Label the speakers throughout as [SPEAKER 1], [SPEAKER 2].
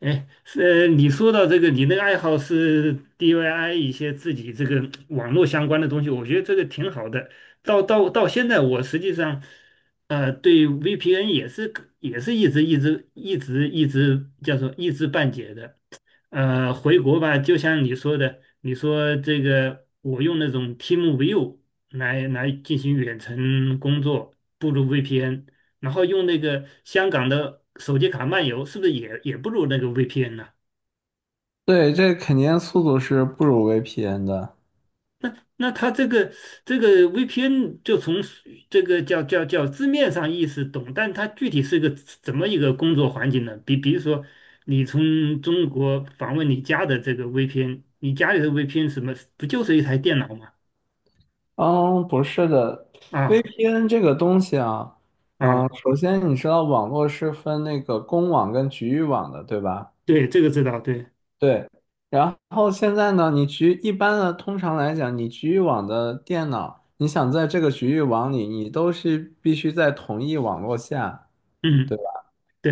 [SPEAKER 1] 哎，是你说到这个，你那个爱好是 d i Y 一些自己这个网络相关的东西，我觉得这个挺好的。到现在，我实际上，对 VPN 也是一直叫做一知半解的。回国吧，就像你说的，你说这个我用那种 TeamViewer 来进行远程工作，不如 VPN，然后用那个香港的手机卡漫游，是不是也不如那个 VPN 呢？
[SPEAKER 2] 对，这肯定速度是不如 VPN 的。
[SPEAKER 1] 那它这个 VPN 就从这个叫字面上意思懂，但它具体是个怎么一个工作环境呢？比如说，你从中国访问你家的这个 VPN，你家里的 VPN 什么不就是一台电脑吗？
[SPEAKER 2] 嗯，不是的
[SPEAKER 1] 啊
[SPEAKER 2] ，VPN 这个东西啊。嗯，
[SPEAKER 1] 啊，
[SPEAKER 2] 首先你知道网络是分那个公网跟局域网的，对吧？
[SPEAKER 1] 对，这个知道，对，
[SPEAKER 2] 对。然后现在呢，一般的，通常来讲，你局域网的电脑，你想在这个局域网里，你都是必须在同一网络下。对。
[SPEAKER 1] 嗯，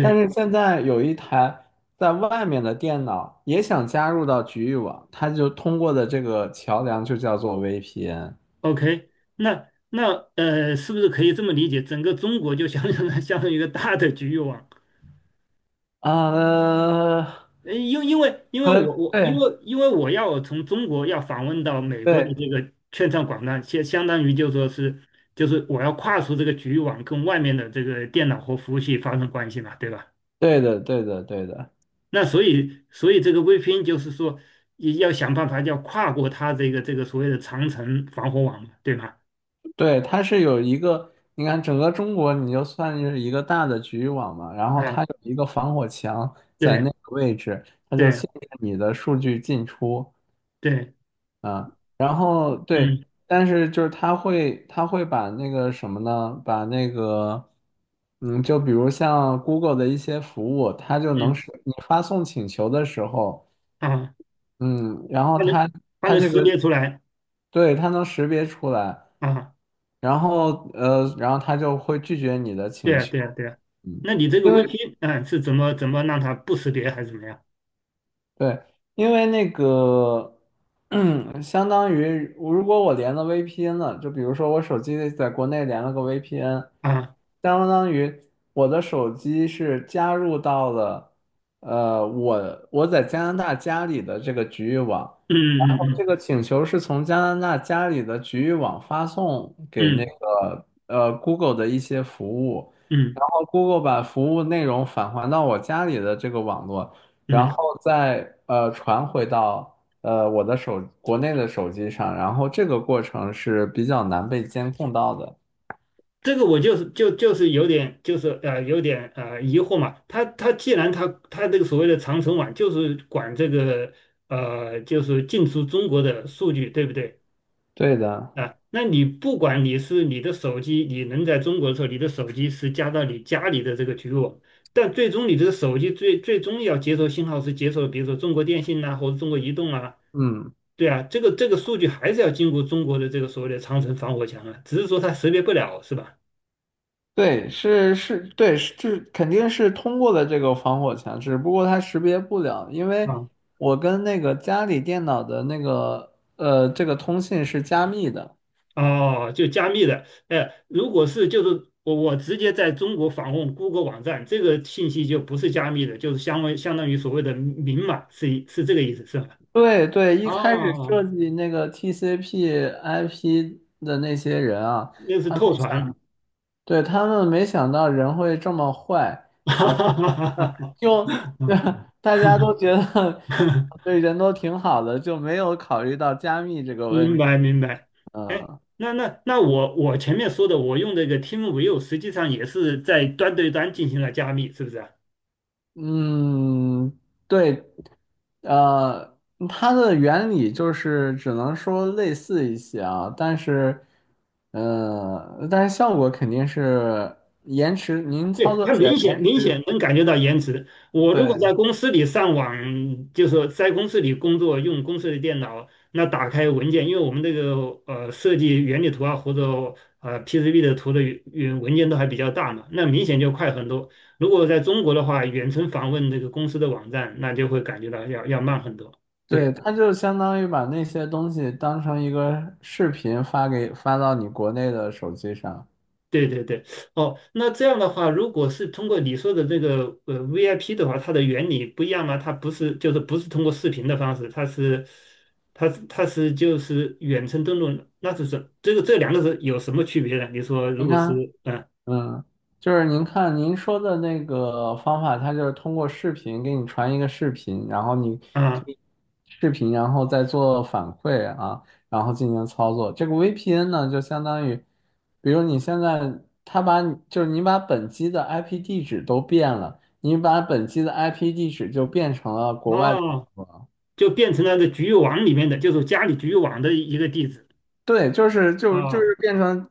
[SPEAKER 2] 但是现在有一台在外面的电脑也想加入到局域网，它就通过的这个桥梁就叫做 VPN。
[SPEAKER 1] ，OK，那是不是可以这么理解？整个中国就相当于 相当于 一个大的局域网，
[SPEAKER 2] 啊，
[SPEAKER 1] 因因为因为
[SPEAKER 2] 和
[SPEAKER 1] 我我因
[SPEAKER 2] 对
[SPEAKER 1] 为因为我要从中国要访问到美国的
[SPEAKER 2] 对
[SPEAKER 1] 这个券商广站，相当于就说是就是我要跨出这个局域网，跟外面的这个电脑和服务器发生关系嘛，对吧？
[SPEAKER 2] 对的对的对的
[SPEAKER 1] 那所以这个 VPN 就是说也要想办法要跨过它这个所谓的长城防火网嘛，对吗？
[SPEAKER 2] 对，它是有一个，你看整个中国你就算是一个大的局域网嘛，然后
[SPEAKER 1] 啊，
[SPEAKER 2] 它有一个防火墙在那
[SPEAKER 1] 对
[SPEAKER 2] 个位置，它就
[SPEAKER 1] 对
[SPEAKER 2] 限制你的数据进出。
[SPEAKER 1] 对，
[SPEAKER 2] 啊，然后对。
[SPEAKER 1] 嗯
[SPEAKER 2] 但是就是他会把那个什么呢？把那个，嗯，就比如像 Google 的一些服务，它就能
[SPEAKER 1] 嗯
[SPEAKER 2] 识你发送请求的时候。
[SPEAKER 1] 啊，
[SPEAKER 2] 嗯，然后
[SPEAKER 1] 它能
[SPEAKER 2] 它
[SPEAKER 1] 它
[SPEAKER 2] 它
[SPEAKER 1] 能
[SPEAKER 2] 这
[SPEAKER 1] 识
[SPEAKER 2] 个
[SPEAKER 1] 别出来
[SPEAKER 2] 对，它能识别出来。
[SPEAKER 1] 啊，
[SPEAKER 2] 然后它就会拒绝你的
[SPEAKER 1] 对
[SPEAKER 2] 请
[SPEAKER 1] 啊
[SPEAKER 2] 求。
[SPEAKER 1] 对啊对啊，
[SPEAKER 2] 嗯，
[SPEAKER 1] 那你这个
[SPEAKER 2] 因为
[SPEAKER 1] VP 啊是怎么怎么让它不识别还是怎么样
[SPEAKER 2] 对，因为那个，相当于如果我连了 VPN 了，就比如说我手机在国内连了个 VPN,
[SPEAKER 1] 啊？
[SPEAKER 2] 相当于我的手机是加入到了，我在加拿大家里的这个局域网，然
[SPEAKER 1] 嗯
[SPEAKER 2] 后
[SPEAKER 1] 嗯
[SPEAKER 2] 这个请求是从加拿大家里的局域网发送给那
[SPEAKER 1] 嗯
[SPEAKER 2] 个Google 的一些服务，
[SPEAKER 1] 嗯嗯
[SPEAKER 2] 然后 Google 把服务内容返还到我家里的这个网络。然
[SPEAKER 1] 嗯，
[SPEAKER 2] 后再传回到呃我的手国内的手机上，然后这个过程是比较难被监控到的。
[SPEAKER 1] 这个我就是有点就是有点疑惑嘛，它既然它这个所谓的长城网就是管这个就是进出中国的数据对不对？
[SPEAKER 2] 对的。
[SPEAKER 1] 啊，那你不管你是你的手机，你能在中国的时候，你的手机是加到你家里的这个局域网，但最终你这个手机最终要接收信号是接收，比如说中国电信呐、或者中国移动啊，
[SPEAKER 2] 嗯，
[SPEAKER 1] 对啊，这个数据还是要经过中国的这个所谓的长城防火墙啊，只是说它识别不了，是吧？
[SPEAKER 2] 对，是是，对，是这肯定是通过了这个防火墙，只不过它识别不了，因为
[SPEAKER 1] 啊，
[SPEAKER 2] 我跟那个家里电脑的那个这个通信是加密的。
[SPEAKER 1] 哦，就加密的，哎，如果是就是我直接在中国访问 Google 网站，这个信息就不是加密的，就是相为相当于所谓的明码，是这个意思，是吧？
[SPEAKER 2] 对对，一
[SPEAKER 1] 哦
[SPEAKER 2] 开始设
[SPEAKER 1] 哦，
[SPEAKER 2] 计那个 TCP/IP 的那些人啊。
[SPEAKER 1] 那是
[SPEAKER 2] 他们
[SPEAKER 1] 透
[SPEAKER 2] 想。
[SPEAKER 1] 传，
[SPEAKER 2] 对，他们没想到人会这么坏。然后就 大家都觉得对人都挺好的，就没有考虑到加密这个问
[SPEAKER 1] 明
[SPEAKER 2] 题。
[SPEAKER 1] 白明白。哎，
[SPEAKER 2] 嗯
[SPEAKER 1] 那我前面说的，我用这个 TeamView 实际上也是在端对端进行了加密，是不是啊？
[SPEAKER 2] 嗯，对。呃，它的原理就是只能说类似一些啊，但是，但是效果肯定是延迟，您操
[SPEAKER 1] 对，
[SPEAKER 2] 作
[SPEAKER 1] 他
[SPEAKER 2] 起来
[SPEAKER 1] 明显
[SPEAKER 2] 延
[SPEAKER 1] 明
[SPEAKER 2] 迟。
[SPEAKER 1] 显能感觉到延迟。我如果在
[SPEAKER 2] 对。
[SPEAKER 1] 公司里上网，就是说在公司里工作，用公司的电脑，那打开文件，因为我们这个设计原理图啊或者PCB 的图的原文件都还比较大嘛，那明显就快很多。如果在中国的话，远程访问这个公司的网站，那就会感觉到要慢很多。
[SPEAKER 2] 对，
[SPEAKER 1] 对。
[SPEAKER 2] 它就相当于把那些东西当成一个视频发到你国内的手机上。
[SPEAKER 1] 对对对，哦，那这样的话，如果是通过你说的这个VIP 的话，它的原理不一样吗？它不是就是不是通过视频的方式，它是就是远程登录，那就是什这个这两个是有什么区别呢？你说如
[SPEAKER 2] 你
[SPEAKER 1] 果是
[SPEAKER 2] 看。
[SPEAKER 1] 嗯
[SPEAKER 2] 嗯，就是您看您说的那个方法，它就是通过视频给你传一个视频，然后你
[SPEAKER 1] 啊
[SPEAKER 2] 可以视频，然后再做反馈啊，然后进行操作。这个 VPN 呢，就相当于，比如你现在他把你就是你把本机的 IP 地址都变了，你把本机的 IP 地址就变成了国外。
[SPEAKER 1] 哦，就变成了这局域网里面的，就是家里局域网的一个地址
[SPEAKER 2] 对，就是就就
[SPEAKER 1] 啊
[SPEAKER 2] 是变成，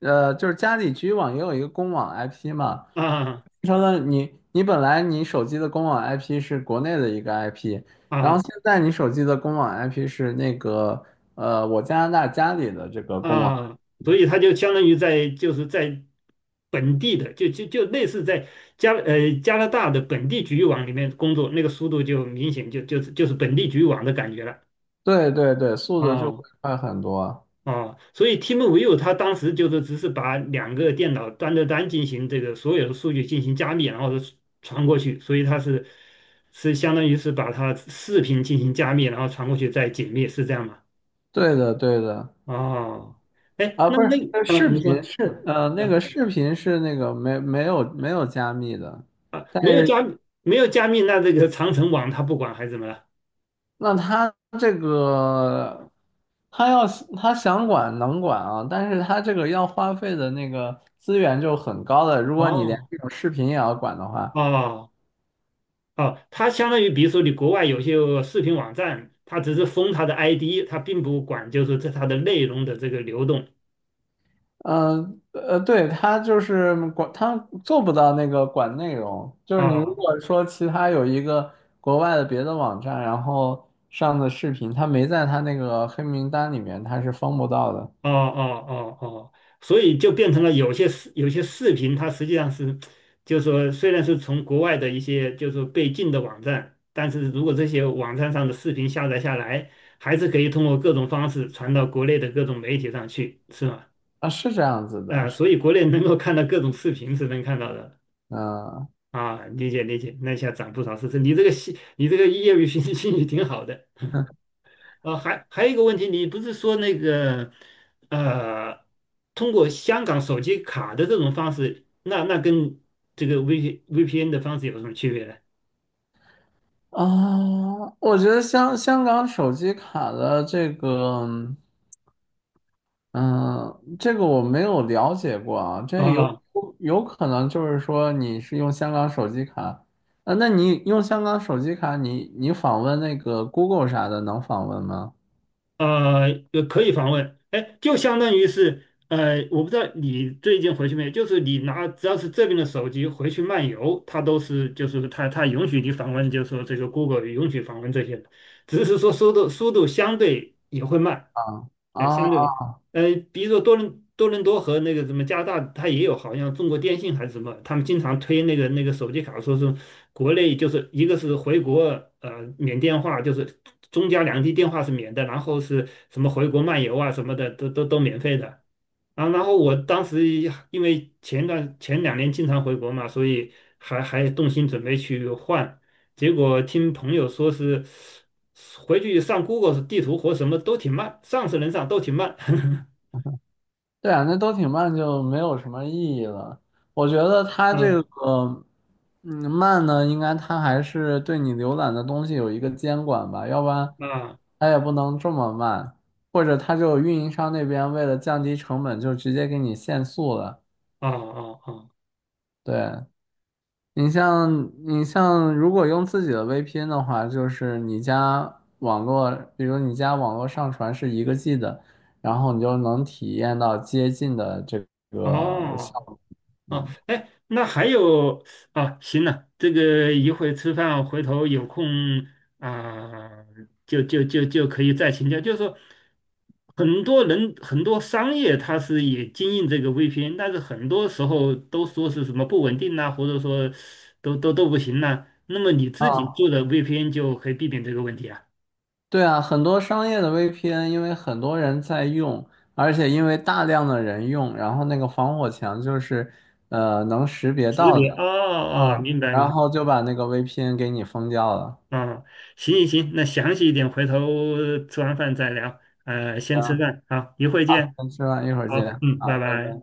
[SPEAKER 2] 就是家里局域网也有一个公网 IP 嘛，
[SPEAKER 1] 啊
[SPEAKER 2] 变成了你本来你手机的公网 IP 是国内的一个 IP,然后
[SPEAKER 1] 啊
[SPEAKER 2] 现在你手机的公网 IP 是那个我加拿大家里的这个公网。
[SPEAKER 1] 啊，所以他就相当于在就是在本地的，就类似在加拿大的本地局域网里面工作，那个速度就明显就是本地局域网的感觉了。
[SPEAKER 2] 对对对，速度就会
[SPEAKER 1] 哦
[SPEAKER 2] 快很多。
[SPEAKER 1] 哦，所以 TeamViewer 它当时就是只是把两个电脑端对端进行这个所有的数据进行加密，然后是传过去，所以它是相当于是把它视频进行加密，然后传过去再解密，是这样吗？
[SPEAKER 2] 对的对的。
[SPEAKER 1] 哦，哎，
[SPEAKER 2] 啊
[SPEAKER 1] 那
[SPEAKER 2] 不
[SPEAKER 1] 那
[SPEAKER 2] 是，呃
[SPEAKER 1] 啊，
[SPEAKER 2] 视
[SPEAKER 1] 你
[SPEAKER 2] 频
[SPEAKER 1] 说。
[SPEAKER 2] 是
[SPEAKER 1] 啊。
[SPEAKER 2] 呃那个
[SPEAKER 1] 啊
[SPEAKER 2] 视频是那个没有加密的。
[SPEAKER 1] 啊，
[SPEAKER 2] 但是。
[SPEAKER 1] 没有加密，那这个长城网它不管还是怎么了？
[SPEAKER 2] 那他这个，他要是他想管能管啊，但是他这个要花费的那个资源就很高的。如果你连
[SPEAKER 1] 哦
[SPEAKER 2] 这种视频也要管的话，
[SPEAKER 1] 哦哦，它相当于比如说你国外有些视频网站，它只是封它的 ID，它并不管就是这它的内容的这个流动。
[SPEAKER 2] 嗯对，他就是管，他做不到那个管内容。就是你如
[SPEAKER 1] 哦
[SPEAKER 2] 果说其他有一个国外的别的网站，然后上的视频，他没在他那个黑名单里面，他是封不到的。
[SPEAKER 1] 哦哦哦哦，所以就变成了有些视频，它实际上是，就是说虽然是从国外的一些就是说被禁的网站，但是如果这些网站上的视频下载下来，还是可以通过各种方式传到国内的各种媒体上去，是吗？
[SPEAKER 2] 啊，是这样子
[SPEAKER 1] 啊，
[SPEAKER 2] 的。
[SPEAKER 1] 所以国内能够看到各种视频是能看到的
[SPEAKER 2] 嗯。
[SPEAKER 1] 啊，理解理解，那一下涨不少是是，你这个兴，你这个业余兴趣挺好的啊。还有一个问题，你不是说那个呃，通过香港手机卡的这种方式，那跟这个 VPN 的方式有什么区别呢？
[SPEAKER 2] 啊，我觉得香港手机卡的这个，嗯，这个我没有了解过啊，这有
[SPEAKER 1] 啊
[SPEAKER 2] 有可能就是说你是用香港手机卡。啊，那你用香港手机卡你，你访问那个 Google 啥的能访问吗？
[SPEAKER 1] 呃，可以访问，哎，就相当于是，我不知道你最近回去没有，就是你拿只要是这边的手机回去漫游，它都是就是它它允许你访问，就是说这个 Google 允许访问这些的只是说速度相对也会慢，
[SPEAKER 2] 啊
[SPEAKER 1] 哎，相对
[SPEAKER 2] 啊。
[SPEAKER 1] 的，比如说多伦多和那个什么加拿大，它也有好像中国电信还是什么，他们经常推那个手机卡，说是国内就是一个是回国，免电话，就是中加两地电话是免的，然后是什么回国漫游啊什么的，都免费的。啊，然后我当时因为前两年经常回国嘛，所以还动心准备去换，结果听朋友说是回去上 Google 地图或什么都挺慢，上是能上，都挺慢。
[SPEAKER 2] 对啊，那都挺慢就没有什么意义了。我觉得它这
[SPEAKER 1] 嗯
[SPEAKER 2] 个，嗯，慢呢，应该它还是对你浏览的东西有一个监管吧，要不然
[SPEAKER 1] 啊
[SPEAKER 2] 它也不能这么慢。或者它就运营商那边为了降低成本，就直接给你限速了。
[SPEAKER 1] 啊啊
[SPEAKER 2] 对，你像你像，如果用自己的 VPN 的话，就是你家网络，比如你家网络上传是一个 G 的，然后你就能体验到接近的这
[SPEAKER 1] 啊
[SPEAKER 2] 个效
[SPEAKER 1] 哦。
[SPEAKER 2] 果。
[SPEAKER 1] 啊，
[SPEAKER 2] 嗯。
[SPEAKER 1] 哎，那还有啊，行了，这个一会儿吃饭，回头有空啊，就可以再请教。就是说，很多人很多商业它是也经营这个 VPN，但是很多时候都说是什么不稳定呐、或者说都不行呐、那么你自己
[SPEAKER 2] 啊，
[SPEAKER 1] 做的 VPN 就可以避免这个问题啊。
[SPEAKER 2] 对啊，很多商业的 VPN,因为很多人在用，而且因为大量的人用，然后那个防火墙就是能识别
[SPEAKER 1] 识
[SPEAKER 2] 到
[SPEAKER 1] 别哦
[SPEAKER 2] 的。
[SPEAKER 1] 哦，
[SPEAKER 2] 啊，
[SPEAKER 1] 明白明
[SPEAKER 2] 然
[SPEAKER 1] 白。
[SPEAKER 2] 后就把那个 VPN 给你封掉了。
[SPEAKER 1] 啊，行行行，那详细一点，回头吃完饭再聊。先吃
[SPEAKER 2] 行，
[SPEAKER 1] 饭，好，一会见，
[SPEAKER 2] 先吃饭，一会儿
[SPEAKER 1] 好，
[SPEAKER 2] 见。
[SPEAKER 1] 嗯，
[SPEAKER 2] 好，
[SPEAKER 1] 拜
[SPEAKER 2] 拜
[SPEAKER 1] 拜。
[SPEAKER 2] 拜。